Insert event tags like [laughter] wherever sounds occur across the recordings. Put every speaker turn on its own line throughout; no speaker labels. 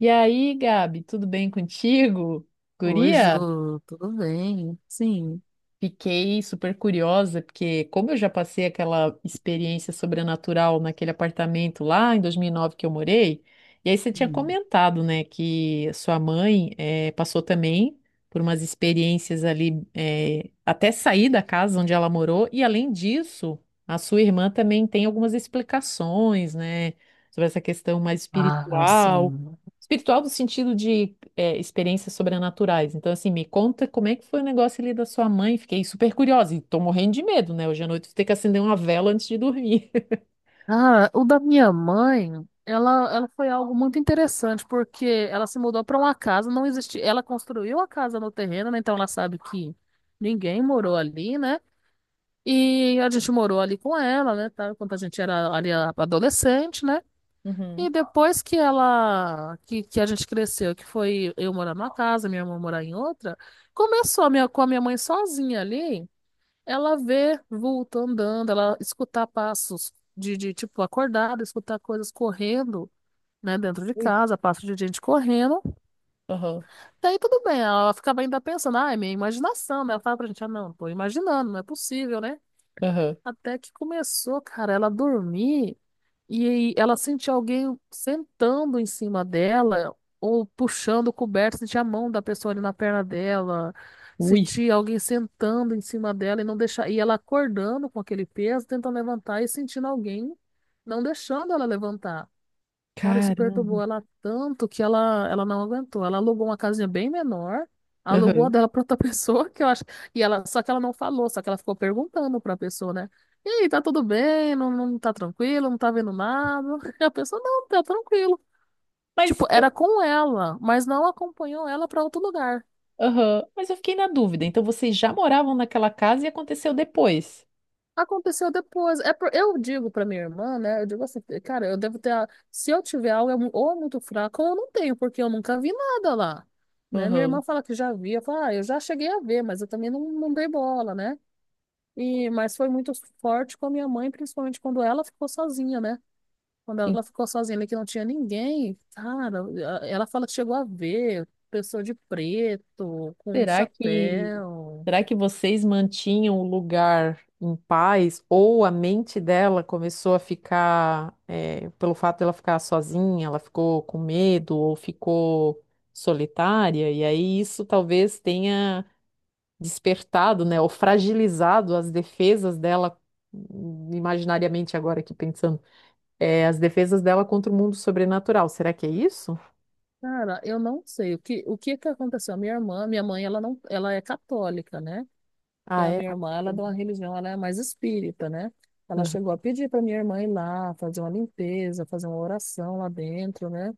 E aí, Gabi, tudo bem contigo?
Oi, Jô,
Guria,
tudo bem? Sim.
fiquei super curiosa, porque como eu já passei aquela experiência sobrenatural naquele apartamento lá em 2009 que eu morei, e aí você tinha
Hum.
comentado, né, que sua mãe passou também por umas experiências ali, até sair da casa onde ela morou, e além disso, a sua irmã também tem algumas explicações, né, sobre essa questão mais
Ah,
espiritual.
sim.
Espiritual no sentido de experiências sobrenaturais. Então, assim, me conta como é que foi o negócio ali da sua mãe. Fiquei super curiosa e tô morrendo de medo, né? Hoje à noite eu vou ter que acender uma vela antes de dormir. [laughs]
Ah, o da minha mãe, ela foi algo muito interessante, porque ela se mudou para uma casa, não existia. Ela construiu a casa no terreno, né? Então ela sabe que ninguém morou ali, né? E a gente morou ali com ela, né? Tá? Quando a gente era ali adolescente, né? E
Uhum.
depois que ela, que a gente cresceu, que foi eu morar numa casa, minha irmã morar em outra, começou a minha, com a minha mãe sozinha ali. Ela vê vulto andando, ela escutar passos de tipo acordada, escutar coisas correndo, né, dentro de
Ui.
casa, passos de gente correndo.
Aham,
Daí tudo bem, ela ficava ainda pensando, ah, é minha imaginação, né? Ela fala pra gente, ah, não, tô imaginando, não é possível, né?
aham.
Até que começou, cara, ela dormir. E aí ela sentia alguém sentando em cima dela ou puxando o coberto, sentia a mão da pessoa ali na perna dela,
Ui,
sentia alguém sentando em cima dela e não deixar, e ela acordando com aquele peso, tentando levantar e sentindo alguém não deixando ela levantar. Cara, isso
caramba.
perturbou ela tanto que ela não aguentou. Ela alugou uma casinha bem menor, alugou a
Aham.
dela pra outra [laughs] pessoa, que eu acho. E ela, só que ela não falou, só que ela ficou perguntando pra pessoa, né? E aí, tá tudo bem? Não, não tá tranquilo? Não tá vendo nada? [laughs] E a pessoa, não, tá tranquilo. Tipo,
Mas eu,
era com ela, mas não acompanhou ela pra outro lugar.
aham, mas eu fiquei na dúvida. Então, vocês já moravam naquela casa e aconteceu depois.
Aconteceu depois. Eu digo pra minha irmã, né? Eu digo assim, cara, eu devo ter. Se eu tiver algo, é ou é muito fraco, ou eu não tenho, porque eu nunca vi nada lá. Né? Minha
Aham.
irmã fala que já via. Fala, ah, eu já cheguei a ver, mas eu também não dei bola, né? E, mas foi muito forte com a minha mãe, principalmente quando ela ficou sozinha, né? Quando
E
ela ficou sozinha ali, que não tinha ninguém, cara, ela fala que chegou a ver pessoa de preto, com um
será que
chapéu.
Será que vocês mantinham o lugar em paz ou a mente dela começou a ficar, pelo fato dela ficar sozinha, ela ficou com medo ou ficou solitária? E aí isso talvez tenha despertado, né, ou fragilizado as defesas dela, imaginariamente agora aqui pensando, as defesas dela contra o mundo sobrenatural. Será que é isso?
Cara, eu não sei o que aconteceu. A minha irmã, minha mãe, ela não, ela é católica, né? E
Ah,
a
é.
minha irmã, ela é de uma religião, ela é mais espírita, né? Ela chegou a pedir para minha irmã ir lá fazer uma limpeza, fazer uma oração lá dentro, né?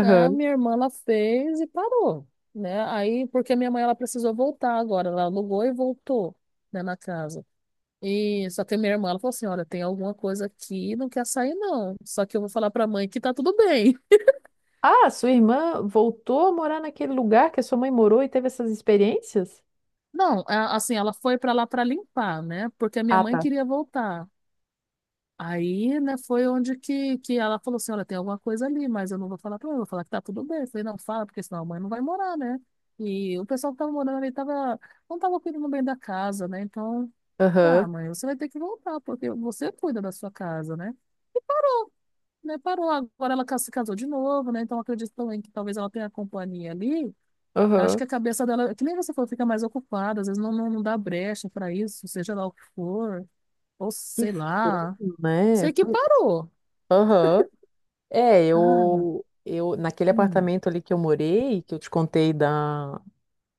A minha irmã ela fez e parou, né? Aí porque minha mãe ela precisou voltar agora, ela alugou e voltou, né, na casa. E só que a minha irmã ela falou assim, olha, tem alguma coisa aqui, não quer sair não. Só que eu vou falar para a mãe que tá tudo bem.
Ah, sua irmã voltou a morar naquele lugar que a sua mãe morou e teve essas experiências?
Não, assim, ela foi para lá para limpar, né? Porque a minha
Ah,
mãe
tá.
queria voltar. Aí, né, foi onde que ela falou assim, olha, tem alguma coisa ali, mas eu não vou falar para ela, eu vou falar que tá tudo bem. Eu falei, não, fala, porque senão a mãe não vai morar, né? E o pessoal que tava morando ali tava, não tava cuidando bem da casa, né? Então, tá,
Aham,
mãe, você vai ter que voltar, porque você cuida da sua casa, né? E parou, né? Parou. Agora ela se casou de novo, né? Então, eu acredito também que talvez ela tenha a companhia ali. Acho
aham.
que a cabeça dela, é que nem você falou, fica mais ocupada, às vezes não dá brecha para isso, seja lá o que for, ou
Que
sei lá.
estranho, né?
Sei que
Pô.
parou.
Aham. É,
Cara,
naquele
hum,
apartamento ali que eu morei, que eu te contei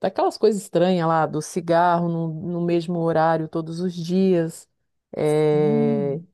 daquelas coisas estranhas lá, do cigarro no mesmo horário todos os dias, é,
hum.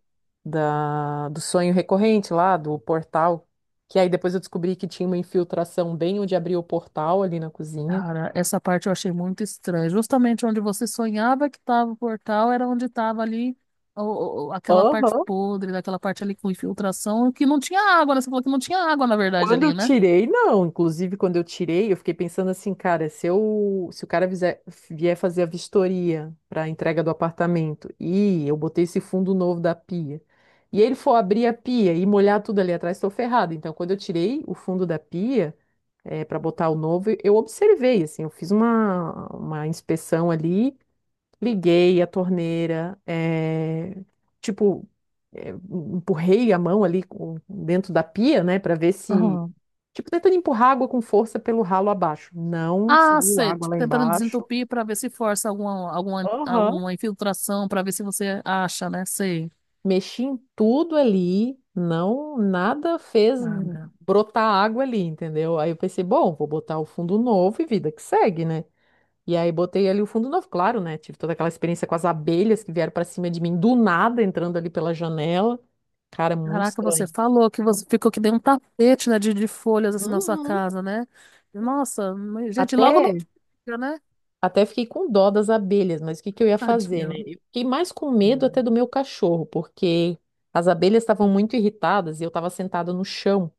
do sonho recorrente lá, do portal, que aí depois eu descobri que tinha uma infiltração bem onde abria o portal ali na cozinha.
Cara, essa parte eu achei muito estranha. Justamente onde você sonhava que estava o portal era onde estava ali aquela parte
Aham.
podre, daquela parte ali com infiltração, que não tinha água, né? Você falou que não tinha água, na verdade,
Quando eu
ali, né?
tirei, não. Inclusive, quando eu tirei, eu fiquei pensando assim, cara, se o cara vier fazer a vistoria para a entrega do apartamento e eu botei esse fundo novo da pia, e ele for abrir a pia e molhar tudo ali atrás, estou ferrada. Então, quando eu tirei o fundo da pia, para botar o novo, eu observei, assim, eu fiz uma inspeção ali. Liguei a torneira, tipo, eh, empurrei a mão ali dentro da pia, né, para ver se.
Aham.
Tipo, tentando empurrar água com força pelo ralo abaixo. Não
Ah,
saiu
sei,
água
tipo,
lá
tentando
embaixo.
desentupir para ver se força
Aham.
alguma infiltração, para ver se você acha, né? Sei.
Mexi em tudo ali, não, nada fez
Ah,
brotar água ali, entendeu? Aí eu pensei, bom, vou botar o fundo novo e vida que segue, né? E aí botei ali o fundo novo, claro, né? Tive toda aquela experiência com as abelhas que vieram pra cima de mim do nada, entrando ali pela janela. Cara, muito
caraca, você
estranho.
falou que você ficou que nem um tapete, né, de folhas assim na sua
Uhum.
casa, né? Nossa, mas, gente,
Até,
logo não fica, [laughs] né?
até fiquei com dó das abelhas, mas o que que eu ia fazer, né?
Tadinho.
Eu fiquei mais com medo
Ah,
até do meu cachorro, porque as abelhas estavam muito irritadas e eu estava sentada no chão.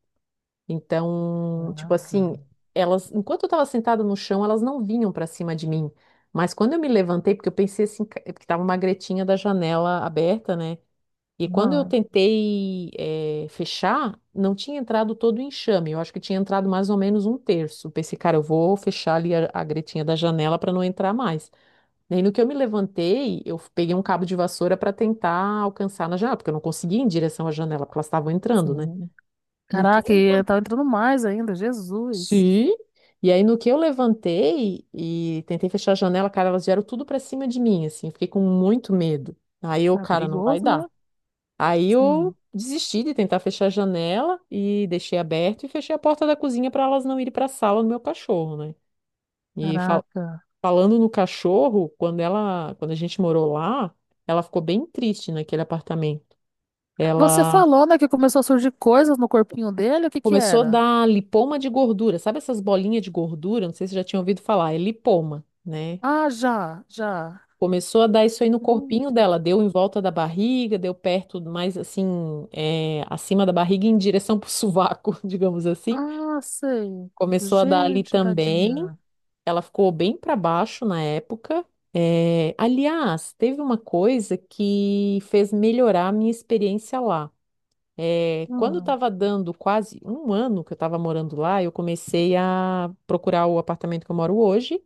Então, tipo
caraca.
assim, elas, enquanto eu estava sentada no chão, elas não vinham para cima de mim. Mas quando eu me levantei, porque eu pensei assim, porque estava uma gretinha da janela aberta, né? E quando eu
Ah,
tentei fechar, não tinha entrado todo o enxame. Eu acho que tinha entrado mais ou menos um terço. Pensei, cara, eu vou fechar ali a gretinha da janela para não entrar mais. Daí no que eu me levantei, eu peguei um cabo de vassoura para tentar alcançar na janela, porque eu não conseguia ir em direção à janela, porque elas estavam entrando, né?
sim.
No que eu
Caraca, e
levantei.
tá entrando mais ainda, Jesus.
Sim. E aí no que eu levantei e tentei fechar a janela, cara, elas vieram tudo para cima de mim, assim. Eu fiquei com muito medo. Aí eu,
Ah,
cara, não vai
perigoso, né?
dar. Aí
Sim.
eu desisti de tentar fechar a janela e deixei aberto e fechei a porta da cozinha para elas não irem para a sala do meu cachorro, né? E
Caraca.
falando no cachorro, quando a gente morou lá, ela ficou bem triste naquele apartamento.
Você
Ela
falou, né, que começou a surgir coisas no corpinho dele? O que que
começou a
era?
dar lipoma de gordura, sabe essas bolinhas de gordura? Não sei se você já tinha ouvido falar, é lipoma, né?
Ah, já, já.
Começou a dar isso aí no corpinho
Gente.
dela, deu em volta da barriga, deu perto, mais assim, acima da barriga, em direção pro [laughs] sovaco, digamos assim.
Ah, sei.
Começou a dar ali
Gente,
também.
tadinha.
Ela ficou bem para baixo na época. É, aliás, teve uma coisa que fez melhorar a minha experiência lá. É, quando
Ah.
estava dando quase um ano que eu estava morando lá, eu comecei a procurar o apartamento que eu moro hoje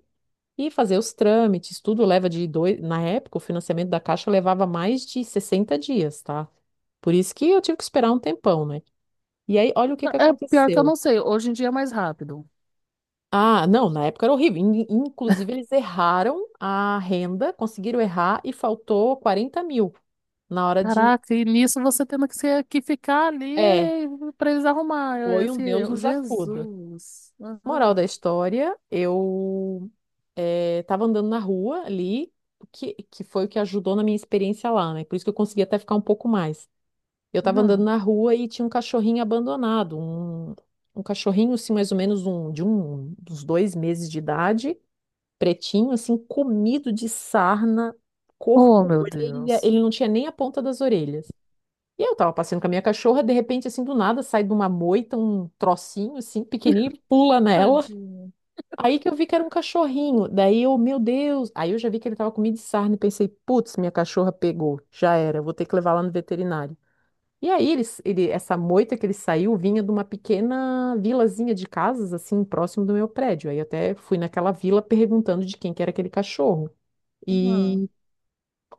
e fazer os trâmites. Tudo leva de dois. Na época, o financiamento da Caixa levava mais de 60 dias, tá? Por isso que eu tive que esperar um tempão, né? E aí, olha o que que
É pior que eu
aconteceu.
não sei. Hoje em dia é mais rápido.
Ah, não, na época era horrível. Inclusive, eles erraram a renda, conseguiram errar e faltou 40.000 na hora de.
Caraca, e nisso você tendo que ficar ali
É,
para eles arrumar
foi um
esse
Deus
erro.
nos acuda.
Jesus.
Moral da
Aham,
história, eu tava andando na rua ali, que foi o que ajudou na minha experiência lá, né? Por isso que eu consegui até ficar um pouco mais. Eu tava andando
aham.
na rua e tinha um cachorrinho abandonado, um cachorrinho, assim, mais ou menos dos 2 meses de idade, pretinho, assim, comido de sarna,
Oh,
corpo,
meu
orelha,
Deus.
ele não tinha nem a ponta das orelhas. E eu tava passeando com a minha cachorra, de repente, assim, do nada, sai de uma moita um trocinho, assim, pequenininho, e pula nela.
Tadinho.
Aí que eu vi que era um cachorrinho. Daí eu, meu Deus. Aí eu já vi que ele tava comido de sarna e pensei, putz, minha cachorra pegou. Já era, vou ter que levar lá no veterinário. E aí essa moita que ele saiu vinha de uma pequena vilazinha de casas, assim, próximo do meu prédio. Aí eu até fui naquela vila perguntando de quem que era aquele cachorro.
Aham.
E,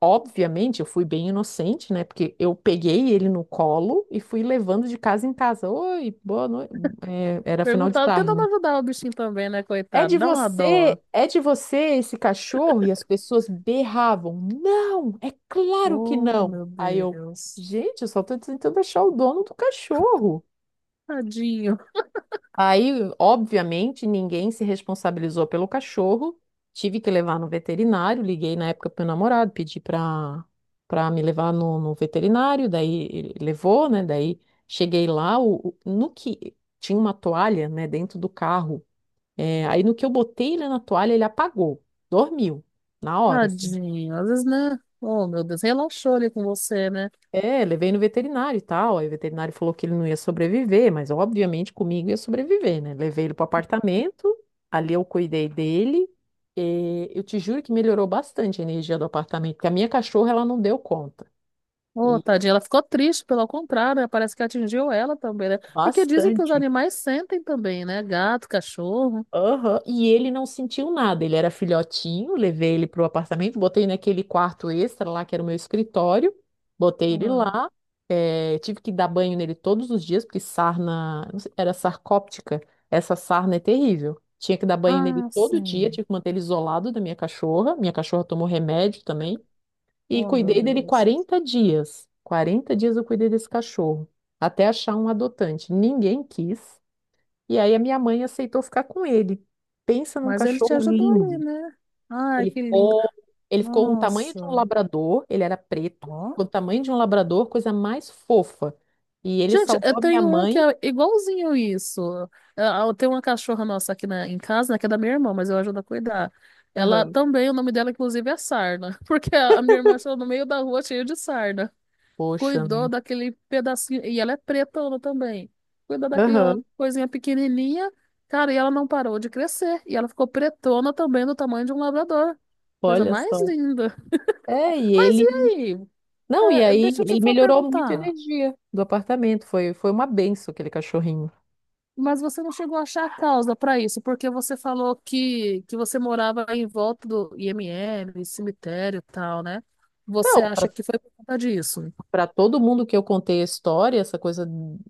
obviamente, eu fui bem inocente, né? Porque eu peguei ele no colo e fui levando de casa em casa. Oi, boa noite. É, era final de
Perguntar,
tarde,
tentando
né?
ajudar o bichinho também, né, coitado? Dá uma dó.
É de você esse cachorro? E as pessoas berravam. Não, é claro que
Oh,
não.
meu
Aí eu,
Deus.
gente, eu só tô tentando achar o dono do cachorro.
Tadinho,
Aí, obviamente, ninguém se responsabilizou pelo cachorro. Tive que levar no veterinário. Liguei na época pro meu namorado, pedi para me levar no veterinário. Daí ele levou, né? Daí cheguei lá, no que tinha uma toalha, né, dentro do carro. É, aí no que eu botei ele na toalha, ele apagou, dormiu na hora, assim.
tadinho. Às vezes, né? Oh, meu Deus, relaxou ali com você, né?
É, levei no veterinário e tal. Aí o veterinário falou que ele não ia sobreviver, mas obviamente comigo ia sobreviver, né? Levei ele pro apartamento, ali eu cuidei dele. E eu te juro que melhorou bastante a energia do apartamento, porque a minha cachorra ela não deu conta.
Ô,
E
tadinha, ela ficou triste, pelo contrário, né? Parece que atingiu ela também, né? Porque dizem que os
bastante.
animais sentem também, né? Gato, cachorro.
Aham, e ele não sentiu nada. Ele era filhotinho, levei ele pro apartamento, botei naquele quarto extra lá, que era o meu escritório, botei ele
Aham.
lá. Eh, tive que dar banho nele todos os dias, porque sarna, não sei, era sarcóptica. Essa sarna é terrível. Tinha que dar banho nele
Ah,
todo dia,
sim.
tive que manter ele isolado da minha cachorra. Minha cachorra tomou remédio também. E
Oh, meu
cuidei dele
Deus.
40 dias. 40 dias eu cuidei desse cachorro, até achar um adotante. Ninguém quis. E aí a minha mãe aceitou ficar com ele. Pensa num
Mas ele te
cachorro
ajudou ali,
lindo.
né? Ai,
Ele
que lindo.
ficou, ele ficou com o tamanho de um
Nossa.
labrador, ele era preto,
Ó.
com o tamanho de um labrador, coisa mais fofa. E ele
Gente, eu
salvou a minha
tenho um que
mãe.
é igualzinho isso. Eu tenho uma cachorra nossa aqui na, em casa, né, que é da minha irmã, mas eu ajudo a cuidar. Ela
Aham.
também, o nome dela, inclusive, é Sarna, [laughs] porque a minha irmã achou no meio da rua cheio de sarna.
Poxa,
Cuidou
né?
daquele pedacinho, e ela é pretona também, cuidou daquela
Aham.
coisinha pequenininha, cara, e ela não parou de crescer, e ela ficou pretona também do tamanho de um labrador. Coisa
Olha
mais
só.
linda.
É, e
Mas e
ele.
aí?
Não, e
É,
aí
deixa eu te
ele melhorou muito a
perguntar.
energia do apartamento. Foi uma benção aquele cachorrinho.
Mas você não chegou a achar a causa para isso, porque você falou que você morava em volta do IML, cemitério e tal, né? Você
Então,
acha que foi por conta disso?
para todo mundo que eu contei a história, essa coisa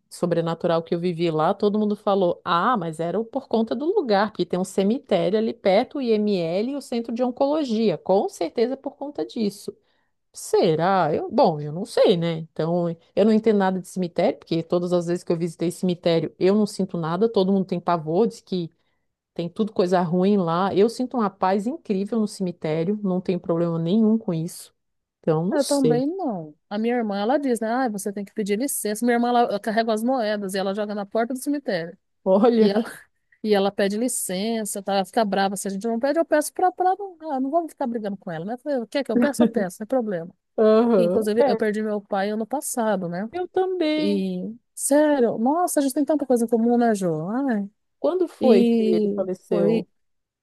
sobrenatural que eu vivi lá, todo mundo falou: Ah, mas era por conta do lugar, porque tem um cemitério ali perto, o IML e o centro de oncologia. Com certeza é por conta disso. Será? Eu, bom, eu não sei, né? Então, eu não entendo nada de cemitério, porque todas as vezes que eu visitei cemitério, eu não sinto nada, todo mundo tem pavor, diz que tem tudo coisa ruim lá. Eu sinto uma paz incrível no cemitério, não tenho problema nenhum com isso. Então, não
Eu
sei.
também não. A minha irmã, ela diz, né? Ah, você tem que pedir licença. Minha irmã, ela carrega as moedas e ela joga na porta do cemitério.
[laughs]
e
Olha.
E ela pede licença, tá? Ela fica brava. Se a gente não pede, eu peço pra não, ah, não vamos ficar brigando com ela, né? Eu falei, quer que é que eu peço, eu peço, não é problema. E,
Aham.
inclusive, eu
É,
perdi meu pai ano passado, né?
eu também.
E, sério, nossa, a gente tem tanta coisa em comum, né, Jô? Ai.
Quando foi que ele
E
faleceu?
foi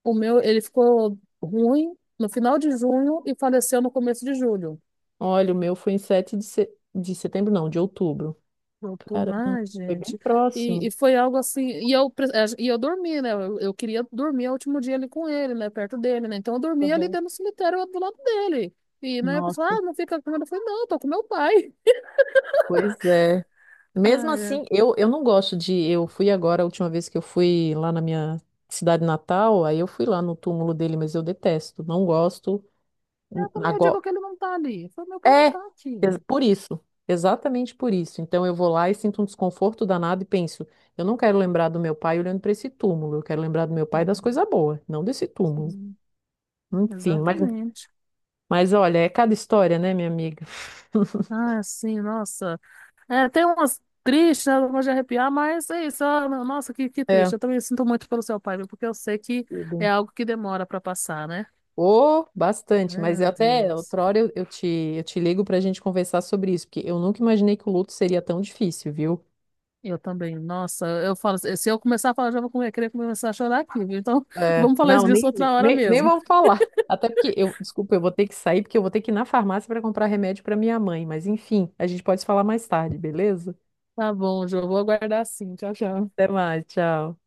o meu, ele ficou ruim no final de junho e faleceu no começo de julho.
Olha, o meu foi em 7 de setembro, não, de outubro.
Outubro.
Caramba,
Ai,
foi bem
gente.
próximo.
E foi algo assim. E eu, e eu dormi, né? Eu queria dormir o último dia ali com ele, né? Perto dele, né? Então eu dormia ali
Aham.
dentro do cemitério do lado dele. E, né, a pessoa,
Nossa,
ah, não fica com ele. Eu falei, não, tô com meu pai.
pois é.
[laughs]
Mesmo
Ai, é.
assim, eu não gosto de. Eu fui agora, a última vez que eu fui lá na minha cidade natal, aí eu fui lá no túmulo dele, mas eu detesto, não gosto.
Eu também eu
Agora,
digo que ele não tá ali. Eu falei, meu pai não
É,
tá
ex-
aqui.
por isso, exatamente por isso. Então eu vou lá e sinto um desconforto danado e penso, eu não quero lembrar do meu pai olhando para esse túmulo, eu quero lembrar do meu pai das
Sim,
coisas boas, não desse túmulo.
sim,
Enfim, mas,
exatamente.
mas olha, é cada história, né, minha amiga? [laughs]
Ah, sim, nossa. É, tem umas tristes, né? Não de arrepiar, mas é isso. Ah, nossa, que
É.
triste. Eu também sinto muito pelo seu pai, viu? Porque eu sei que
Tudo.
é algo que demora pra passar, né?
Oh, bastante, mas eu
Meu
até
Deus.
outra hora eu te ligo para a gente conversar sobre isso, porque eu nunca imaginei que o luto seria tão difícil, viu?
Eu também. Nossa, eu falo, assim, se eu começar a falar, já vou querer começar a chorar aqui, viu? Então, [laughs]
É,
vamos falar isso
não,
disso
nem,
outra hora
nem, nem
mesmo.
vamos falar. Até porque eu, desculpa, eu vou ter que sair porque eu vou ter que ir na farmácia para comprar remédio para minha mãe. Mas enfim, a gente pode falar mais tarde, beleza?
Tá bom, Jô, vou aguardar sim. Tchau, tchau.
Até mais, tchau.